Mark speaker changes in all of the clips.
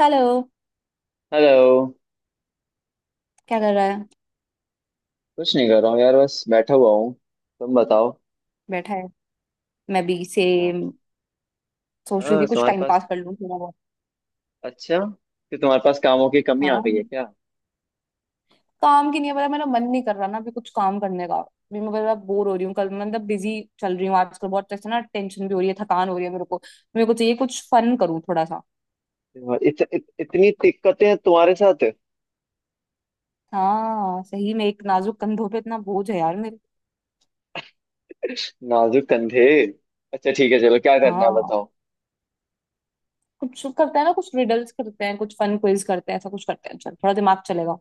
Speaker 1: Hello.
Speaker 2: Hello.
Speaker 1: क्या कर रहा है।
Speaker 2: कुछ नहीं कर रहा हूँ यार, बस बैठा हुआ हूँ। तुम बताओ।
Speaker 1: बैठा है। मैं भी
Speaker 2: हाँ।
Speaker 1: सेम। सोच रही थी
Speaker 2: हाँ,
Speaker 1: कुछ
Speaker 2: तुम्हारे
Speaker 1: टाइम
Speaker 2: पास।
Speaker 1: पास कर लूं थोड़ा बहुत।
Speaker 2: अच्छा, कि तुम्हारे पास कामों की कमी आ गई
Speaker 1: हाँ,
Speaker 2: है क्या?
Speaker 1: काम की नहीं है पता, मेरा मन नहीं कर रहा ना अभी कुछ काम करने का भी। मैं बड़ा बोर हो रही हूँ कल, मतलब बिजी चल रही हूँ आजकल बहुत, ऐसे ना टेंशन भी हो रही है, थकान हो रही है मेरे को। मेरे को चाहिए कुछ फन करूँ थोड़ा सा।
Speaker 2: इत, इत, इतनी दिक्कतें हैं तुम्हारे साथ।
Speaker 1: हाँ सही में, एक नाजुक कंधों पे इतना बोझ है यार मेरे।
Speaker 2: नाजुक कंधे। अच्छा ठीक है, चलो क्या करना है
Speaker 1: हाँ,
Speaker 2: बताओ।
Speaker 1: कुछ करते हैं ना, कुछ रिडल्स करते हैं, कुछ फन क्विज करते हैं, ऐसा कुछ करते हैं चल थोड़ा दिमाग चलेगा।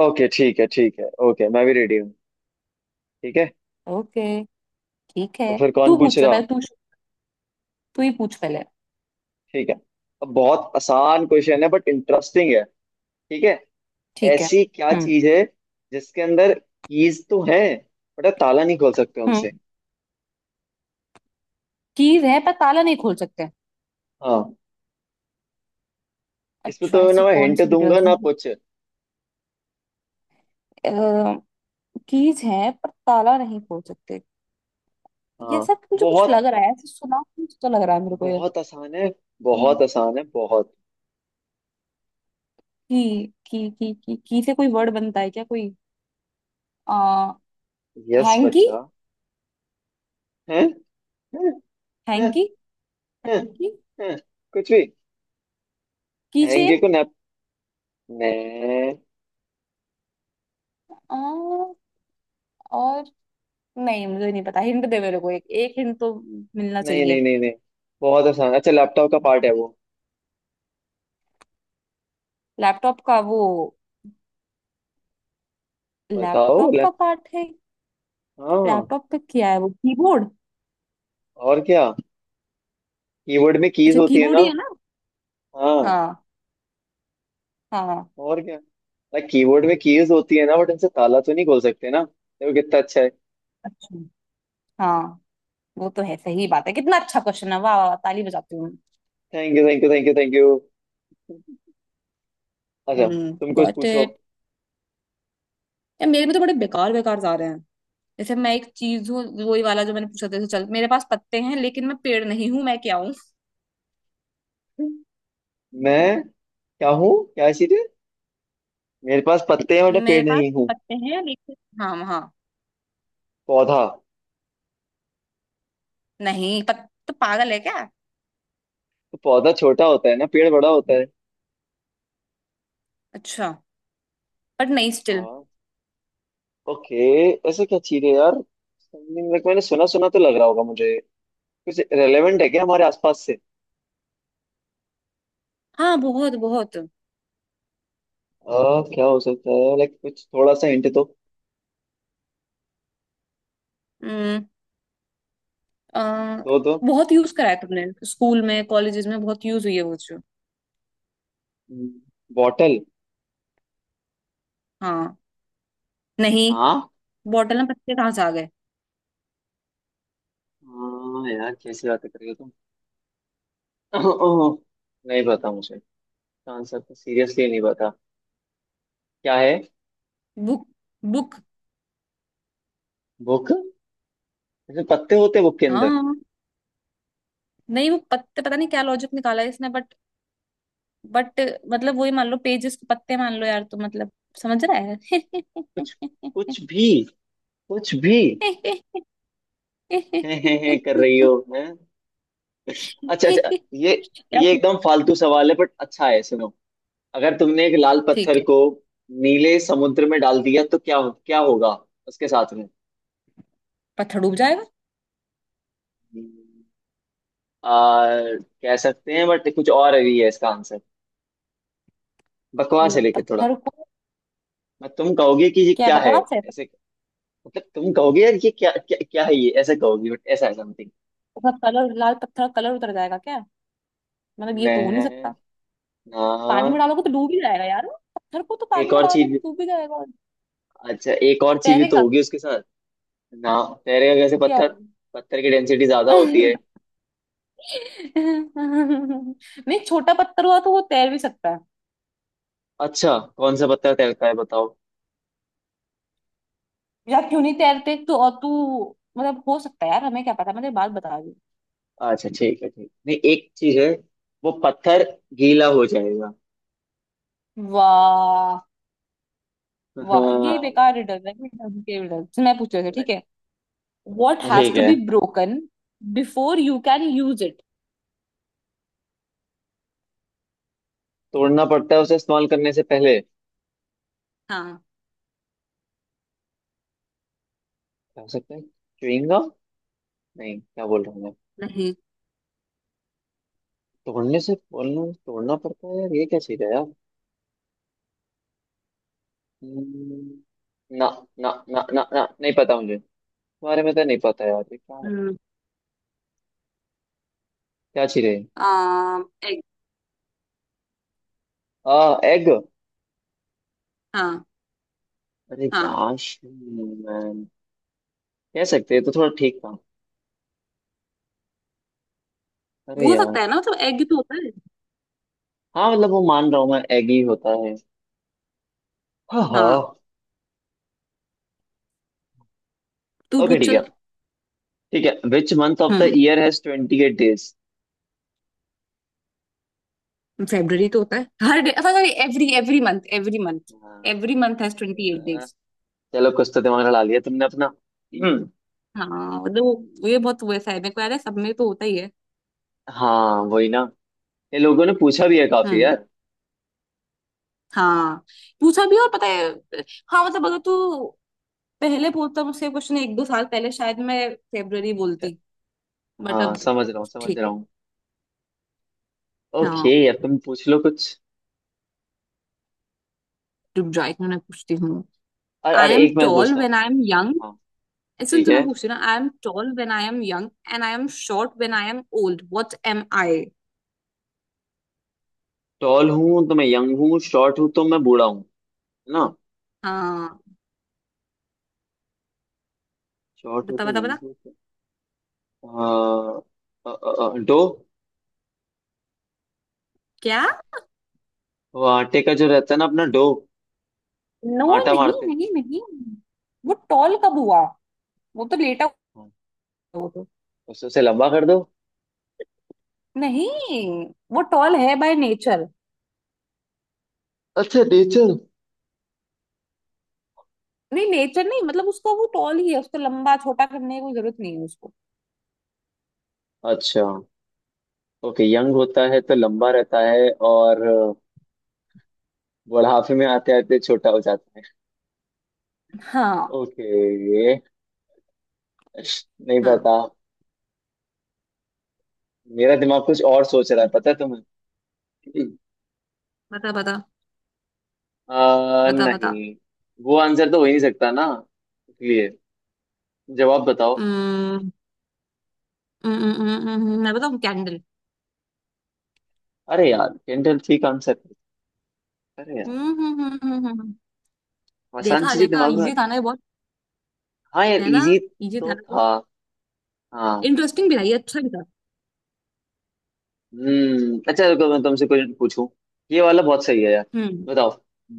Speaker 2: ओके ठीक है, ठीक है ओके, मैं भी रेडी हूँ। ठीक है।
Speaker 1: ओके ठीक है।
Speaker 2: तो फिर
Speaker 1: तू
Speaker 2: कौन पूछ
Speaker 1: पूछ
Speaker 2: रहा?
Speaker 1: पहले, तू। तू ही पूछ पहले।
Speaker 2: ठीक है। अब बहुत आसान क्वेश्चन है बट इंटरेस्टिंग है। ठीक है।
Speaker 1: ठीक है।
Speaker 2: ऐसी क्या
Speaker 1: हम्म।
Speaker 2: चीज है जिसके अंदर कीज तो है बट ताला नहीं खोल सकते
Speaker 1: हम्म।
Speaker 2: उनसे?
Speaker 1: कीज है पर ताला नहीं खोल सकते।
Speaker 2: हाँ। इसमें
Speaker 1: अच्छा,
Speaker 2: तो
Speaker 1: ऐसी
Speaker 2: ना मैं
Speaker 1: कौन
Speaker 2: हिंट
Speaker 1: सी
Speaker 2: दूंगा
Speaker 1: डिटेल्स
Speaker 2: ना कुछ।
Speaker 1: हैं। कीज है पर ताला नहीं खोल सकते। ये
Speaker 2: हाँ।
Speaker 1: सब मुझे कुछ
Speaker 2: बहुत
Speaker 1: लग रहा है, ऐसे सुना कुछ तो लग रहा है मेरे को ये।
Speaker 2: बहुत आसान है।
Speaker 1: हम्म,
Speaker 2: बहुत आसान है बहुत।
Speaker 1: की से कोई वर्ड बनता है क्या कोई। आ,
Speaker 2: यस
Speaker 1: हैंकी।
Speaker 2: बच्चा। हैं। हैं। हैं।
Speaker 1: हैंकी।
Speaker 2: हैं।
Speaker 1: हैंकी।
Speaker 2: हैं। कुछ भी।
Speaker 1: की
Speaker 2: हैंगे
Speaker 1: चेन।
Speaker 2: को नैप। नहीं।
Speaker 1: आ, और, नहीं मुझे नहीं पता, हिंट दे मेरे को, एक एक हिंट तो मिलना
Speaker 2: नहीं नहीं
Speaker 1: चाहिए।
Speaker 2: नहीं नहीं। बहुत आसान। अच्छा लैपटॉप का पार्ट है वो।
Speaker 1: लैपटॉप का वो।
Speaker 2: बताओ
Speaker 1: लैपटॉप
Speaker 2: ले।
Speaker 1: का पार्ट है।
Speaker 2: हाँ।
Speaker 1: लैपटॉप पे क्या है? वो कीबोर्ड।
Speaker 2: और क्या? कीबोर्ड में कीज
Speaker 1: अच्छा
Speaker 2: होती है
Speaker 1: कीबोर्ड ही
Speaker 2: ना।
Speaker 1: है ना।
Speaker 2: हाँ।
Speaker 1: हाँ। हाँ।
Speaker 2: और क्या? लाइक कीबोर्ड में कीज होती है ना बट उनसे ताला तो नहीं खोल सकते ना। देखो कितना अच्छा है।
Speaker 1: अच्छा। हाँ, वो तो है, सही बात है, कितना अच्छा क्वेश्चन है, वाह वाह वाह, ताली बजाती हूँ।
Speaker 2: Thank you thank you thank you thank you. अच्छा। तुम
Speaker 1: हम्म,
Speaker 2: कुछ
Speaker 1: गॉट
Speaker 2: पूछो।
Speaker 1: इट। यार मेरे में तो बड़े बेकार बेकार जा रहे हैं। जैसे मैं एक चीज हूँ, वही वाला जो मैंने पूछा था, जैसे चल मेरे पास पत्ते हैं लेकिन मैं पेड़ नहीं हूँ, मैं क्या हूँ।
Speaker 2: मैं क्या हूँ? क्या चीजें? मेरे पास पत्ते हैं बट
Speaker 1: मेरे
Speaker 2: पेड़
Speaker 1: पास
Speaker 2: नहीं हूँ।
Speaker 1: पत्ते हैं लेकिन, हाँ हाँ,
Speaker 2: पौधा।
Speaker 1: नहीं तो पागल है क्या।
Speaker 2: तो पौधा छोटा होता है ना, पेड़ बड़ा होता है।
Speaker 1: अच्छा, बट नहीं स्टिल।
Speaker 2: हाँ। ओके। ऐसे क्या चीज है यार? समथिंग लाइक मैंने सुना सुना तो लग रहा होगा मुझे। कुछ रेलेवेंट है क्या हमारे आसपास से?
Speaker 1: हाँ बहुत बहुत।
Speaker 2: क्या हो सकता है? लाइक कुछ थोड़ा सा हिंट तो
Speaker 1: हम्म। आ,
Speaker 2: दो दो।
Speaker 1: बहुत यूज करा है तुमने स्कूल में कॉलेजेस में, बहुत यूज हुई है वो चीज।
Speaker 2: बॉटल?
Speaker 1: हाँ। नहीं,
Speaker 2: हाँ।
Speaker 1: बॉटल में पत्ते कहाँ से आ गए।
Speaker 2: हाँ यार कैसी बात कर रही हो तुम। नहीं पता मुझे। इसका आंसर तो सीरियसली नहीं पता। क्या है?
Speaker 1: बुक। बुक।
Speaker 2: बुक? जैसे पत्ते होते हैं बुक के अंदर।
Speaker 1: हाँ, नहीं वो पत्ते पता नहीं क्या लॉजिक निकाला है इसने, बट मतलब वही, मान लो पेजेस के पत्ते मान लो यार, तो मतलब समझ रहा है।
Speaker 2: कुछ। कुछ भी। कुछ भी। है कर रही हो है। अच्छा अच्छा,
Speaker 1: यार
Speaker 2: ये
Speaker 1: तू-
Speaker 2: एकदम फालतू सवाल है बट अच्छा है, सुनो। अगर तुमने एक लाल
Speaker 1: ठीक
Speaker 2: पत्थर
Speaker 1: है।
Speaker 2: को नीले समुद्र में डाल दिया तो क्या, क्या होगा उसके साथ में?
Speaker 1: पत्थर डूब जाएगा।
Speaker 2: आ, कह सकते हैं बट कुछ और भी है इसका आंसर। बकवास है लेकिन थोड़ा।
Speaker 1: पत्थर ऊपर-
Speaker 2: मैं, तुम कहोगे कि ये
Speaker 1: क्या
Speaker 2: क्या है
Speaker 1: बकवास है।
Speaker 2: ऐसे। मतलब तुम कहोगे यार ये क्या क्या, क्या है ये, ऐसा कहोगी बट ऐसा है समथिंग।
Speaker 1: उसका कलर, लाल पत्थर का कलर उतर जाएगा क्या? मतलब ये तो हो नहीं
Speaker 2: मैं
Speaker 1: सकता।
Speaker 2: ना,
Speaker 1: पानी में डालोगे तो डूब ही जाएगा यार। पत्थर को तो पानी
Speaker 2: एक
Speaker 1: में
Speaker 2: और
Speaker 1: डालोगे तो
Speaker 2: चीज।
Speaker 1: डूब ही जाएगा और
Speaker 2: अच्छा एक और चीज भी तो
Speaker 1: तैरेगा,
Speaker 2: होगी उसके साथ। ना। तैरेगा कैसे
Speaker 1: क्या
Speaker 2: पत्थर?
Speaker 1: होगा।
Speaker 2: पत्थर की डेंसिटी ज्यादा होती है।
Speaker 1: नहीं, छोटा पत्थर हुआ तो वो तैर भी सकता है।
Speaker 2: अच्छा कौन सा पत्थर तैरता है बताओ?
Speaker 1: यार क्यों नहीं तैरते तो, और तू, मतलब हो सकता है यार, हमें क्या पता, मैं तेरी बात बता रही
Speaker 2: अच्छा ठीक है ठीक, नहीं एक चीज है। वो पत्थर गीला हो जाएगा।
Speaker 1: हूँ। वाह, वाह ये
Speaker 2: हाँ।
Speaker 1: बेकार रिडल है, ये dumb के riddle। चल, मैं पूछ रही हूँ, ठीक है। वॉट हैज
Speaker 2: ठीक
Speaker 1: टू
Speaker 2: है।
Speaker 1: Be broken before you can use it.
Speaker 2: तोड़ना पड़ता है उसे इस्तेमाल करने से पहले।
Speaker 1: हाँ।
Speaker 2: क्या हो सकता है? chewing gum? नहीं, क्या बोल रहा हूँ मैं।
Speaker 1: नहीं।
Speaker 2: तोड़ने से बोलना तोड़ना पड़ता है यार, ये क्या चीज है यार। हम्म। ना ना ना ना ना, नहीं पता मुझे। तुम्हारे में तो, नहीं पता यार ये क्या है।
Speaker 1: हम्म,
Speaker 2: क्या चीज है?
Speaker 1: आ, एग।
Speaker 2: एग?
Speaker 1: हाँ।
Speaker 2: अरे
Speaker 1: हाँ,
Speaker 2: यार। मैन। कह सकते हैं तो थोड़ा ठीक था। अरे
Speaker 1: हो
Speaker 2: यार।
Speaker 1: सकता है ना, मतलब एग तो होता है।
Speaker 2: हाँ मतलब वो मान रहा हूँ मैं, एग ही होता है। हाँ हाँ।
Speaker 1: हाँ, तू
Speaker 2: ओके
Speaker 1: पूछ
Speaker 2: ठीक
Speaker 1: चल।
Speaker 2: है। ठीक है, which month of the
Speaker 1: hmm,
Speaker 2: year has 28 days?
Speaker 1: February तो होता है हर day, sorry, every every month, every month, every month has 28 days.
Speaker 2: चलो कुछ तो दिमाग लड़ा लिया तुमने अपना। हम्म।
Speaker 1: हाँ मतलब वो ये बहुत वैसा है, मेरे को याद है सब में तो होता ही है।
Speaker 2: हाँ वही ना। ये लोगों ने पूछा भी है काफी
Speaker 1: हम्म।
Speaker 2: यार।
Speaker 1: हाँ पूछा भी और पता है। हाँ, मतलब अगर तू पहले बोलता मुझसे क्वेश्चन एक दो साल पहले शायद मैं फेब्रुअरी बोलती, बट
Speaker 2: हाँ
Speaker 1: अब
Speaker 2: समझ रहा हूँ, समझ
Speaker 1: ठीक
Speaker 2: रहा
Speaker 1: है।
Speaker 2: हूँ। ओके
Speaker 1: हाँ
Speaker 2: यार तुम पूछ लो कुछ।
Speaker 1: रुक जाओ एक मिनट, मैं पूछती हूँ।
Speaker 2: अरे
Speaker 1: आई
Speaker 2: अरे,
Speaker 1: एम
Speaker 2: एक मैं
Speaker 1: टॉल
Speaker 2: पूछता हूँ।
Speaker 1: व्हेन आई एम
Speaker 2: हाँ।
Speaker 1: यंग। सुन
Speaker 2: ठीक
Speaker 1: तूने
Speaker 2: है।
Speaker 1: पूछती ना, I am tall when I am young and I am short when I am old, what am I.
Speaker 2: Tall हूँ तो मैं यंग हूँ, शॉर्ट हूँ तो मैं बूढ़ा हूँ, है ना?
Speaker 1: हाँ,
Speaker 2: शॉर्ट
Speaker 1: बता
Speaker 2: होते
Speaker 1: बता
Speaker 2: हैं।
Speaker 1: बता।
Speaker 2: हाँ, डो।
Speaker 1: क्या।
Speaker 2: वो आटे का जो रहता है ना अपना, डो।
Speaker 1: नो,
Speaker 2: आटा
Speaker 1: नहीं
Speaker 2: मारते हैं।
Speaker 1: नहीं नहीं। वो टॉल कब हुआ? वो तो लेटा हुआ
Speaker 2: हाँ,
Speaker 1: है वो तो।
Speaker 2: उसे उसे लंबा कर दो।
Speaker 1: नहीं, वो टॉल है बाय नेचर।
Speaker 2: अच्छा नेचर।
Speaker 1: नहीं, नेचर नहीं, मतलब उसका वो टॉल ही है, उसको लंबा छोटा करने की कोई जरूरत नहीं है उसको।
Speaker 2: अच्छा। ओके यंग होता है तो लंबा रहता है और बुढ़ापे में आते आते छोटा हो जाता है।
Speaker 1: हाँ।
Speaker 2: ओके। नहीं
Speaker 1: हाँ
Speaker 2: पता। मेरा दिमाग कुछ और सोच रहा है पता है तुम्हें।
Speaker 1: बता बता बता बता।
Speaker 2: नहीं, वो आंसर तो हो ही नहीं सकता ना, इसलिए। जवाब बताओ।
Speaker 1: हम्म, मैं बताऊँ? कैंडल।
Speaker 2: अरे यार कैंडल ठीक आंसर है। अरे यार।
Speaker 1: हम्म।
Speaker 2: आसान
Speaker 1: देखा
Speaker 2: चीजें
Speaker 1: देखा,
Speaker 2: दिमाग में
Speaker 1: इजी
Speaker 2: आती
Speaker 1: था
Speaker 2: है।
Speaker 1: ना ये बहुत।
Speaker 2: हाँ यार
Speaker 1: है ना?
Speaker 2: इजी
Speaker 1: इजी था
Speaker 2: तो
Speaker 1: ना बहुत।
Speaker 2: था। हाँ।
Speaker 1: इंटरेस्टिंग भी था ये, अच्छा भी था।
Speaker 2: हम्म। अच्छा रुको मैं तुमसे कुछ पूछूं। ये वाला बहुत सही है यार।
Speaker 1: हम्म।
Speaker 2: बताओ।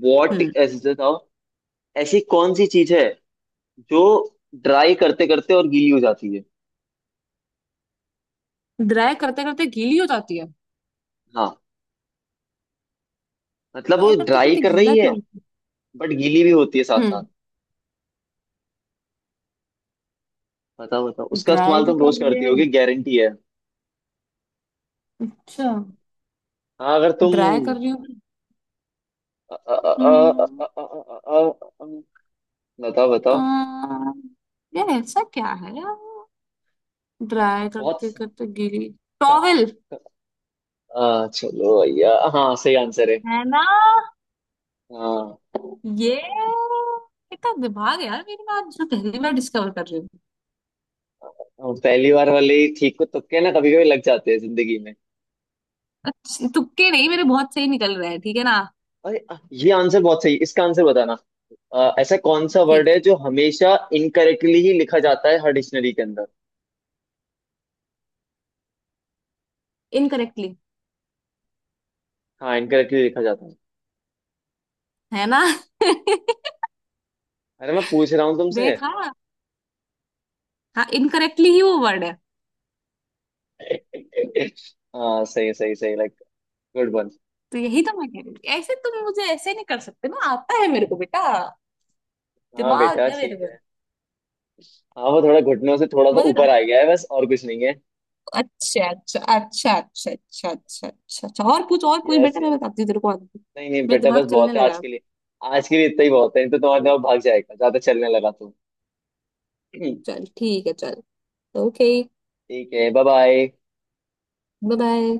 Speaker 2: वॉट,
Speaker 1: हम्म,
Speaker 2: ऐसे बताओ। ऐसी कौन सी चीज है जो ड्राई करते करते और गीली हो जाती है?
Speaker 1: ड्राई करते करते गीली हो जाती है।
Speaker 2: हाँ मतलब
Speaker 1: ड्राई
Speaker 2: वो
Speaker 1: करते
Speaker 2: ड्राई
Speaker 1: करते
Speaker 2: कर
Speaker 1: गीला
Speaker 2: रही है
Speaker 1: क्यों।
Speaker 2: बट गीली भी होती है साथ साथ।
Speaker 1: हम्म,
Speaker 2: बताओ बताओ, उसका
Speaker 1: ड्राई
Speaker 2: इस्तेमाल
Speaker 1: भी
Speaker 2: तुम
Speaker 1: कर
Speaker 2: रोज
Speaker 1: रही
Speaker 2: करती
Speaker 1: है।
Speaker 2: होगी गारंटी है।
Speaker 1: अच्छा,
Speaker 2: हाँ अगर
Speaker 1: ड्राई कर
Speaker 2: तुम।
Speaker 1: रही हूँ।
Speaker 2: अ, अ, अ, अ, अ,
Speaker 1: हम्म।
Speaker 2: अ, अ, अ, अ, बताओ
Speaker 1: आ,
Speaker 2: बताओ।
Speaker 1: यार ऐसा क्या है यार, ड्राई
Speaker 2: बहुत
Speaker 1: करते
Speaker 2: आसान।
Speaker 1: करते गीली। टॉवेल।
Speaker 2: चलो भैया, हाँ सही आंसर है।
Speaker 1: है ना
Speaker 2: हाँ,
Speaker 1: ये, कितना दिमाग है यार मेरे में, आज जो पहली बार डिस्कवर कर रही हूँ।
Speaker 2: हाँ, पहली बार वाले ही ठीक को, तुक्के ना कभी कभी लग जाते हैं जिंदगी में।
Speaker 1: अच्छे- तुक्के नहीं मेरे, बहुत सही निकल रहे हैं ठीक है ना।
Speaker 2: अरे, ये आंसर बहुत सही है, इसका आंसर बताना। ऐसा कौन सा वर्ड
Speaker 1: ठीक,
Speaker 2: है जो हमेशा इनकरेक्टली ही लिखा जाता है हर डिक्शनरी के अंदर?
Speaker 1: इनकरेक्टली,
Speaker 2: हाँ, इनकरेक्टली लिखा जाता है।
Speaker 1: है ना।
Speaker 2: अरे मैं पूछ रहा हूँ तुमसे।
Speaker 1: देखा, हाँ इनकरेक्टली ही वो वर्ड है।
Speaker 2: हाँ सही सही सही, लाइक गुड वन।
Speaker 1: तो यही तो मैं कह रही थी, ऐसे तुम मुझे ऐसे नहीं कर सकते, ना आता है मेरे को बेटा,
Speaker 2: हाँ
Speaker 1: दिमाग
Speaker 2: बेटा
Speaker 1: है मेरे
Speaker 2: ठीक
Speaker 1: में।
Speaker 2: है। हाँ वो थोड़ा घुटनों से थोड़ा सा
Speaker 1: मगर,
Speaker 2: ऊपर आ गया है बस, और कुछ नहीं है।
Speaker 1: अच्छा अच्छा अच्छा अच्छा अच्छा अच्छा अच्छा अच्छा, और पूछ और पूछ,
Speaker 2: यस।
Speaker 1: बेटा मैं बताती हूँ तेरे को आगे।
Speaker 2: नहीं नहीं
Speaker 1: मेरा
Speaker 2: बेटा,
Speaker 1: दिमाग
Speaker 2: बस
Speaker 1: चलने
Speaker 2: बहुत है आज
Speaker 1: लगा।
Speaker 2: के लिए। आज के लिए इतना ही बहुत है, नहीं तो तुम्हारा दिमाग भाग जाएगा ज्यादा चलने लगा तो।
Speaker 1: चल ठीक है चल। ओके,
Speaker 2: ठीक है, बाय बाय।
Speaker 1: Bye bye.